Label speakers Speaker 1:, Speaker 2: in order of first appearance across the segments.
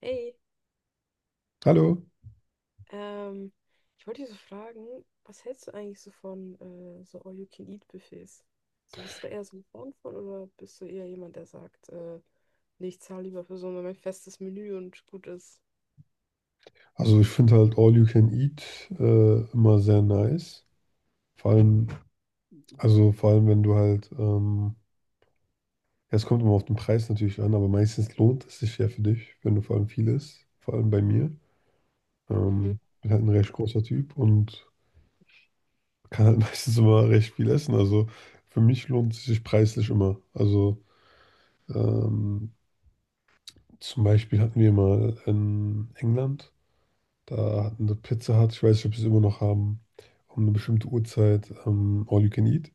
Speaker 1: Hey,
Speaker 2: Hallo.
Speaker 1: ähm, ich wollte dich so fragen, was hältst du eigentlich so von so All-You-Can-Eat-Buffets? So bist du da eher so ein Fan von oder bist du eher jemand, der sagt, nee, ich zahle lieber für so ein festes Menü und gut ist?
Speaker 2: Also ich finde halt All You Can Eat immer sehr nice. Vor allem, also vor allem, wenn du halt, ja, es kommt immer auf den Preis natürlich an, aber meistens lohnt es sich ja für dich, wenn du vor allem viel isst, vor allem bei mir.
Speaker 1: Mhm,
Speaker 2: Bin halt ein recht großer Typ und kann halt meistens immer recht viel essen. Also für mich lohnt es sich preislich immer. Also ähm, zum Beispiel hatten wir mal in England. Da hatten wir Pizza Hut, ich weiß nicht, ob sie es immer noch haben, um eine bestimmte Uhrzeit All You Can Eat.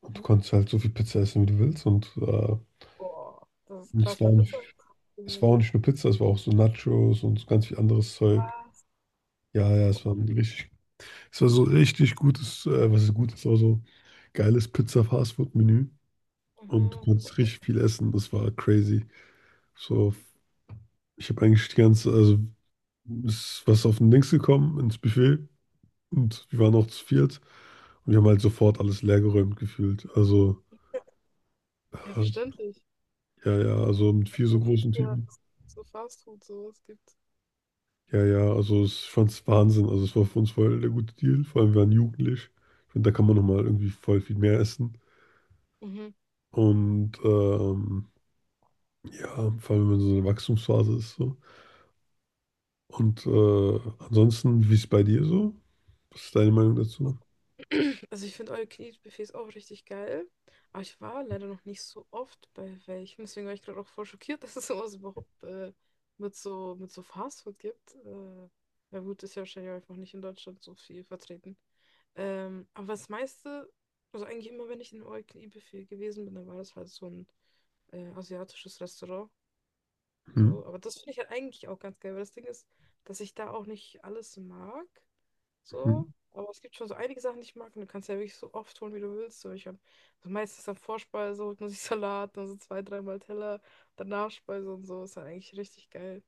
Speaker 2: Und du
Speaker 1: mhm.
Speaker 2: konntest halt so viel Pizza essen, wie du willst. Und
Speaker 1: Boah, das ist
Speaker 2: es
Speaker 1: krass bei
Speaker 2: war nicht,
Speaker 1: Pizza.
Speaker 2: es war auch nicht nur Pizza, es war auch so Nachos und so ganz viel anderes Zeug.
Speaker 1: Was?
Speaker 2: Ja, ja,
Speaker 1: Boah,
Speaker 2: es war so richtig gutes, was ist gut es war so geiles Pizza-Fastfood-Menü. Und du
Speaker 1: mhm, boah,
Speaker 2: konntest richtig viel
Speaker 1: nein.
Speaker 2: essen, das war crazy. So, ich habe eigentlich die ganze, also ist was auf den Links gekommen, ins Buffet. Und wir waren auch zu viert und wir haben halt sofort alles leergeräumt gefühlt. Also,
Speaker 1: Ja,
Speaker 2: äh,
Speaker 1: verständlich.
Speaker 2: ja, ja, also mit
Speaker 1: Wenn
Speaker 2: vier
Speaker 1: es
Speaker 2: so
Speaker 1: halt mal
Speaker 2: großen
Speaker 1: gibt, ja,
Speaker 2: Typen.
Speaker 1: dass es so Fast Food sowas gibt.
Speaker 2: Ja, ja, also es fand es Wahnsinn. Also es war für uns voll der gute Deal. Vor allem wir waren jugendlich. Ich finde, da kann man nochmal irgendwie voll viel mehr essen. Und ja, vor allem wenn man so in der Wachstumsphase ist. So. Und ansonsten, wie ist es bei dir so? Was ist deine Meinung dazu?
Speaker 1: Also ich finde all you can eat Buffets auch richtig geil. Aber ich war leider noch nicht so oft bei welchen. Deswegen war ich gerade auch voll schockiert, dass es sowas überhaupt mit so Fastfood gibt. Ja gut, ist ja wahrscheinlich auch einfach nicht in Deutschland so viel vertreten. Aber das meiste, also eigentlich immer, wenn ich in einem all you can eat Buffet gewesen bin, dann war das halt so ein asiatisches Restaurant.
Speaker 2: Hm,
Speaker 1: So, aber das finde ich halt eigentlich auch ganz geil, weil das Ding ist, dass ich da auch nicht alles mag.
Speaker 2: hm,
Speaker 1: So. Aber es gibt schon so einige Sachen, die ich mag. Und du kannst ja wirklich so oft holen, wie du willst. So, ich habe also meistens am Vorspeise, holt man sich Salat, dann so zwei, dreimal Teller, dann Nachspeise und so. Ist dann eigentlich richtig geil.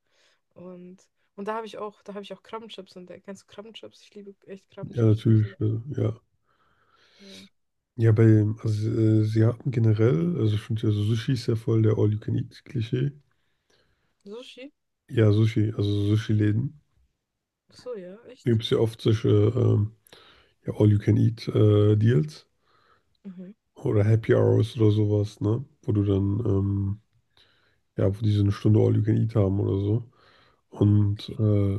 Speaker 1: Und, und da habe ich auch, da habe ich auch Krabbenchips entdeckt. Kennst du Krabbenchips? Ich liebe echt
Speaker 2: ja,
Speaker 1: Krabbenchips ziemlich.
Speaker 2: natürlich. Ja,
Speaker 1: Ja.
Speaker 2: ja, bei, also Asiaten generell, also ich finde ja, so Sushi ist ja voll der All-You-Can-Eat-Klischee.
Speaker 1: Sushi?
Speaker 2: Ja, Sushi, also Sushi-Läden.
Speaker 1: Ach so, ja,
Speaker 2: Da
Speaker 1: echt?
Speaker 2: gibt es ja oft solche ja, All-You-Can-Eat-Deals
Speaker 1: Mhm.
Speaker 2: oder Happy Hours oder sowas, ne? Wo du dann, ja, wo die so eine Stunde All-You-Can-Eat haben oder so. Und
Speaker 1: Okay.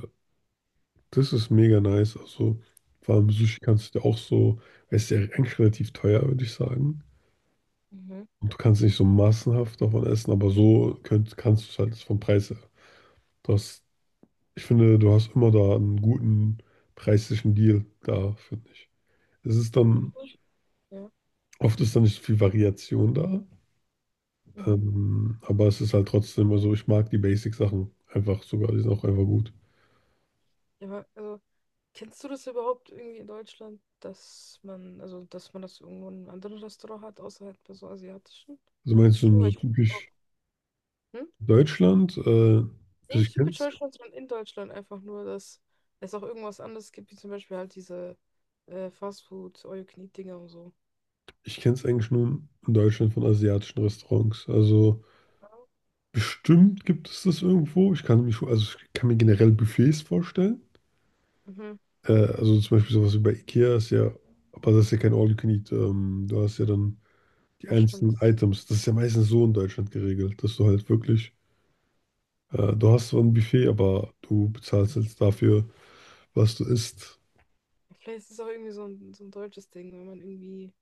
Speaker 2: das ist mega nice. Also vor allem Sushi kannst du ja auch so, es ist ja eigentlich relativ teuer, würde ich sagen.
Speaker 1: Mhm.
Speaker 2: Und du kannst nicht so massenhaft davon essen, aber so kannst du es halt vom Preis her. Du hast Ich finde, du hast immer da einen guten preislichen Deal da, finde ich. Es ist
Speaker 1: Ja.
Speaker 2: dann,
Speaker 1: Sushi? Ja.
Speaker 2: oft ist dann nicht so viel Variation da,
Speaker 1: Mhm.
Speaker 2: aber es ist halt trotzdem, also ich mag die Basic-Sachen einfach sogar, die sind auch einfach gut.
Speaker 1: Ja, aber, also, kennst du das überhaupt irgendwie in Deutschland, dass man, also dass man das irgendwo in einem anderen Restaurant hat, außer halt bei so asiatischen?
Speaker 2: Also meinst du
Speaker 1: So,
Speaker 2: so
Speaker 1: ich. Oh,
Speaker 2: typisch
Speaker 1: hm?
Speaker 2: Deutschland? Also
Speaker 1: Nee,
Speaker 2: ich
Speaker 1: nicht typisch
Speaker 2: kenn's,
Speaker 1: Deutschland, sondern in Deutschland einfach nur, dass es auch irgendwas anderes gibt, wie zum Beispiel halt diese Fastfood, All-You-Can-Eat-Dinger und so.
Speaker 2: ich kenn's eigentlich nur in Deutschland von asiatischen Restaurants. Also
Speaker 1: Ja.
Speaker 2: bestimmt gibt es das irgendwo. Also ich kann mir generell Buffets vorstellen.
Speaker 1: Mhm,
Speaker 2: Also zum Beispiel sowas wie bei IKEA ist ja, aber das ist ja kein All-You-Can-Eat. Du hast ja dann die
Speaker 1: das stimmt.
Speaker 2: einzelnen Items. Das ist ja meistens so in Deutschland geregelt, dass du halt wirklich, du hast so ein Buffet, aber du bezahlst jetzt dafür, was du isst.
Speaker 1: Ja, vielleicht ist es auch irgendwie so ein deutsches Ding, wenn man irgendwie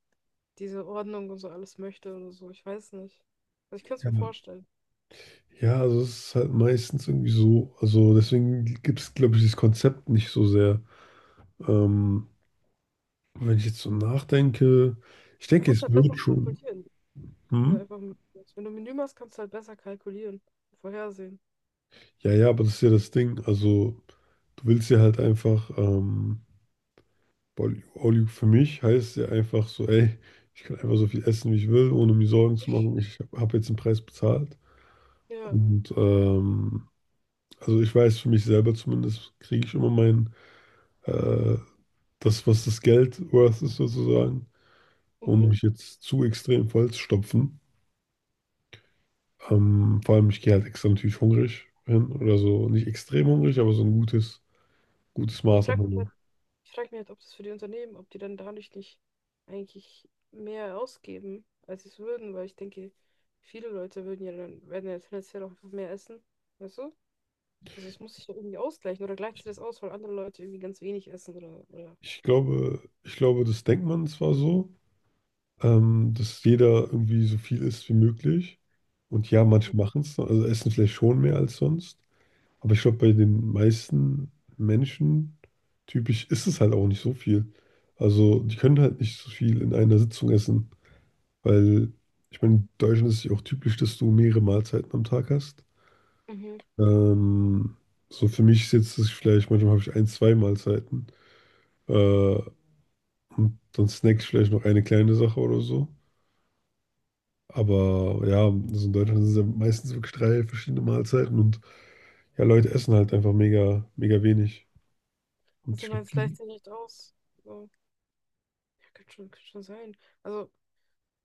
Speaker 1: diese Ordnung und so alles möchte oder so. Ich weiß nicht. Also ich könnte es
Speaker 2: Ja.
Speaker 1: mir vorstellen.
Speaker 2: Ja, also es ist halt meistens irgendwie so. Also deswegen gibt es, glaube ich, dieses Konzept nicht so sehr. Ähm, Wenn ich jetzt so nachdenke, ich
Speaker 1: Man
Speaker 2: denke,
Speaker 1: kann es
Speaker 2: es
Speaker 1: halt besser
Speaker 2: wird schon.
Speaker 1: kalkulieren. Wenn du
Speaker 2: Hm?
Speaker 1: einfach, wenn du ein Menü machst, kannst du halt besser kalkulieren, vorhersehen.
Speaker 2: Ja, ja, aber das ist ja das Ding. Also du willst ja halt einfach. All you für mich heißt ja einfach so, ey, ich kann einfach so viel essen, wie ich will, ohne mir Sorgen zu machen. Ich habe jetzt den Preis bezahlt.
Speaker 1: Ja,
Speaker 2: Und also ich weiß für mich selber zumindest, kriege ich immer äh, das, was das Geld worth ist sozusagen, ohne
Speaker 1: mhm.
Speaker 2: mich jetzt zu extrem voll zu stopfen. Vor allem, ich gehe halt extra natürlich hungrig hin oder so, nicht extrem hungrig, aber so ein gutes, gutes
Speaker 1: Ich
Speaker 2: Maß an
Speaker 1: frage mich
Speaker 2: Hunger.
Speaker 1: halt Ich frage mich halt, ob das für die Unternehmen, ob die dann dadurch nicht eigentlich mehr ausgeben, als sie es würden, weil ich denke, viele Leute würden ja dann, werden ja tendenziell auch einfach mehr essen. Weißt du? Also es muss sich ja irgendwie ausgleichen oder gleicht sich das aus, weil andere Leute irgendwie ganz wenig essen oder, oder.
Speaker 2: Ich glaube, das denkt man zwar so, dass jeder irgendwie so viel isst wie möglich. Und ja, manche
Speaker 1: Mhm.
Speaker 2: machen es, also essen vielleicht schon mehr als sonst. Aber ich glaube, bei den meisten Menschen typisch ist es halt auch nicht so viel. Also die können halt nicht so viel in einer Sitzung essen, weil ich meine, in Deutschland ist es ja auch typisch, dass du mehrere Mahlzeiten am Tag hast.
Speaker 1: Mhm.
Speaker 2: Ähm, so für mich ist jetzt das vielleicht, manchmal habe ich ein, zwei Mahlzeiten. Äh, und dann snack ich vielleicht noch eine kleine Sache oder so. Aber ja, also in Deutschland sind es ja meistens wirklich drei verschiedene Mahlzeiten und ja, Leute essen halt einfach mega, mega wenig. Und
Speaker 1: Also du meinst, gleicht sich nicht aus. So. Ja, kann schon sein. Also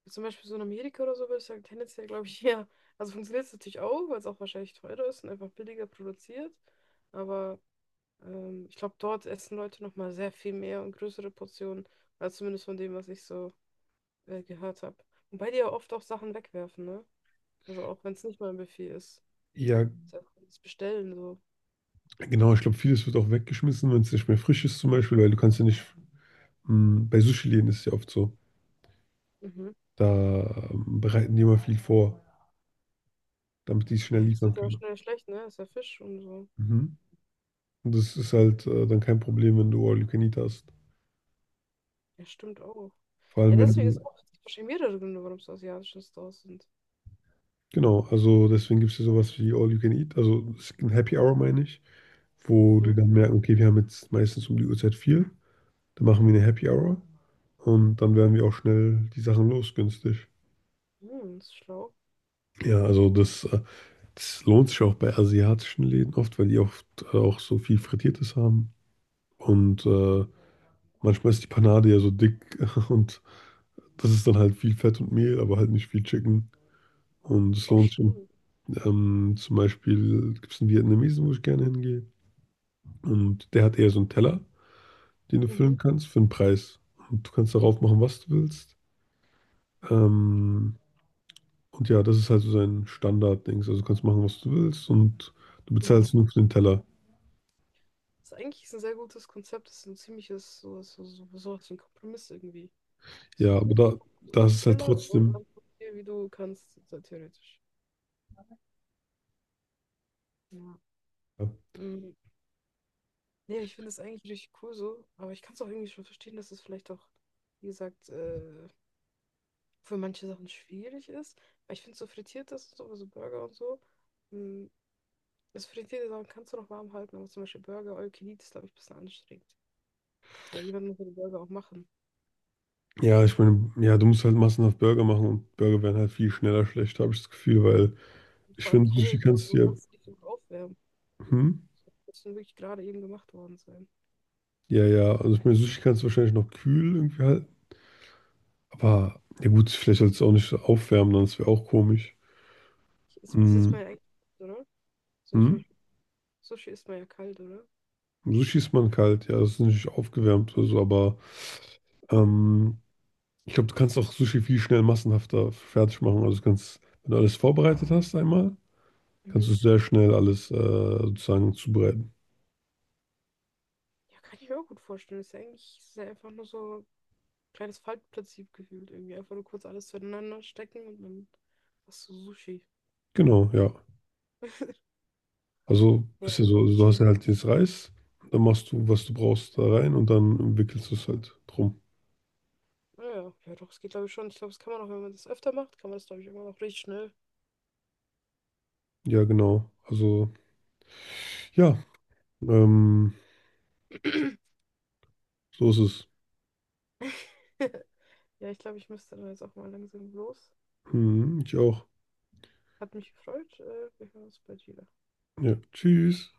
Speaker 1: zum Beispiel so in Amerika oder so würde ich sagen, tendenziell glaube ich, ja. Also funktioniert es natürlich auch, weil es auch wahrscheinlich teurer ist und einfach billiger produziert. Aber ich glaube, dort essen Leute nochmal sehr viel mehr und größere Portionen, als zumindest von dem, was ich so gehört habe. Wobei die ja oft auch Sachen wegwerfen, ne? Also auch wenn es nicht mal ein Buffet ist.
Speaker 2: ja,
Speaker 1: Ist ja auch das Bestellen so.
Speaker 2: genau, ich glaube, vieles wird auch weggeschmissen, wenn es nicht mehr frisch ist zum Beispiel, weil du kannst ja nicht, mh, bei Sushi-Läden ist es ja oft so,
Speaker 1: Mhm.
Speaker 2: da bereiten die immer viel vor, damit die es schnell
Speaker 1: Ja, das
Speaker 2: liefern
Speaker 1: wird ja auch
Speaker 2: können.
Speaker 1: schnell schlecht, ne? Ist ja Fisch und so.
Speaker 2: Mhm. Und das ist halt dann kein Problem, wenn du All You Can Eat hast.
Speaker 1: Ja, stimmt auch.
Speaker 2: Vor
Speaker 1: Ja,
Speaker 2: allem, wenn
Speaker 1: deswegen ist
Speaker 2: du,
Speaker 1: auch es gibt wahrscheinlich mehrere Gründe, warum es asiatische Stores sind.
Speaker 2: genau, also deswegen gibt es ja sowas wie All You Can Eat, also es gibt ein Happy Hour, meine ich. Wo die
Speaker 1: Mhm.
Speaker 2: dann merken, okay, wir haben jetzt meistens um die Uhrzeit viel, dann machen wir eine Happy Hour und dann werden wir auch schnell die Sachen los, günstig.
Speaker 1: Hm, das ist schlau.
Speaker 2: Ja, also das lohnt sich auch bei asiatischen Läden oft, weil die oft auch so viel Frittiertes haben und manchmal ist die Panade ja so dick und das ist dann halt viel Fett und Mehl, aber halt nicht viel Chicken. Und es
Speaker 1: Boah,
Speaker 2: lohnt sich. Und,
Speaker 1: stimmt.
Speaker 2: Zum Beispiel gibt es einen Vietnamesen, wo ich gerne hingehe. Und der hat eher so einen Teller, den du
Speaker 1: Mhm.
Speaker 2: füllen kannst für einen Preis. Und du kannst darauf machen, was du willst. Ähm, und ja, das ist halt so sein Standard-Dings. Also du kannst machen, was du willst und du bezahlst
Speaker 1: Mhm.
Speaker 2: nur für den Teller.
Speaker 1: Das ist eigentlich ein sehr gutes Konzept. Das ist ein ziemliches, so, so, so, so was wie ein Kompromiss irgendwie.
Speaker 2: Ja,
Speaker 1: So,
Speaker 2: aber
Speaker 1: das
Speaker 2: da,
Speaker 1: ist
Speaker 2: da ist
Speaker 1: ein
Speaker 2: es halt
Speaker 1: Teller und
Speaker 2: trotzdem.
Speaker 1: dann guck dir, wie du kannst, so theoretisch. Ja. Mm, ja, ich finde es eigentlich richtig cool so, aber ich kann es auch irgendwie schon verstehen, dass es vielleicht auch, wie gesagt, für manche Sachen schwierig ist. Aber ich finde so frittiertes und so, also Burger und so, mh, das frittierte Sachen kannst du noch warm halten, aber zum Beispiel Burger, All You Can Eat ist, glaube ich, ein bisschen anstrengend. Weil jemand muss ja die Burger auch machen.
Speaker 2: Ja, ich meine, ja, du musst halt massenhaft Burger machen und Burger werden halt viel schneller schlecht, habe ich das Gefühl, weil
Speaker 1: Und
Speaker 2: ich
Speaker 1: vor allem
Speaker 2: finde, Sushi
Speaker 1: kalt, also
Speaker 2: kannst du
Speaker 1: du
Speaker 2: ja,
Speaker 1: kannst nicht so gut aufwärmen.
Speaker 2: hm?
Speaker 1: Das muss wirklich gerade eben gemacht worden sein.
Speaker 2: Ja, ja, also ich meine, Sushi kannst du wahrscheinlich noch kühl irgendwie halten, aber ja gut, vielleicht sollst du es auch nicht aufwärmen, dann ist wäre auch komisch.
Speaker 1: Ich, ist, das ist
Speaker 2: Hm.
Speaker 1: mein eigenes, oder? So
Speaker 2: Hm?
Speaker 1: schwierig. Sushi isst man ja kalt, oder?
Speaker 2: So schießt man kalt, ja, das ist nicht aufgewärmt oder so, aber ähm, ich glaube, du kannst auch Sushi viel schnell massenhafter fertig machen. Also du kannst, wenn du alles vorbereitet hast einmal,
Speaker 1: Mhm.
Speaker 2: kannst du sehr schnell alles sozusagen zubereiten.
Speaker 1: Ja, kann ich mir auch gut vorstellen. Ist ja eigentlich ist ja einfach nur so ein kleines Faltprinzip gefühlt irgendwie. Einfach nur kurz alles zueinander stecken und dann hast du Sushi.
Speaker 2: Genau, ja. Also
Speaker 1: Ja,
Speaker 2: ist ja so, also du hast
Speaker 1: schon.
Speaker 2: ja halt jetzt Reis, dann machst du, was du brauchst, da rein und dann wickelst du es halt drum.
Speaker 1: Ja, ja, doch, es geht, glaube ich, schon. Ich glaube, das kann man auch, wenn man das öfter macht, kann man das, glaube ich, immer noch richtig schnell.
Speaker 2: Ja, genau. Also, ja, ähm, so ist es.
Speaker 1: Ja, ich glaube, ich müsste dann jetzt auch mal langsam los.
Speaker 2: Hm, ich auch.
Speaker 1: Hat mich gefreut. Wir hören uns bald wieder.
Speaker 2: Ja, tschüss.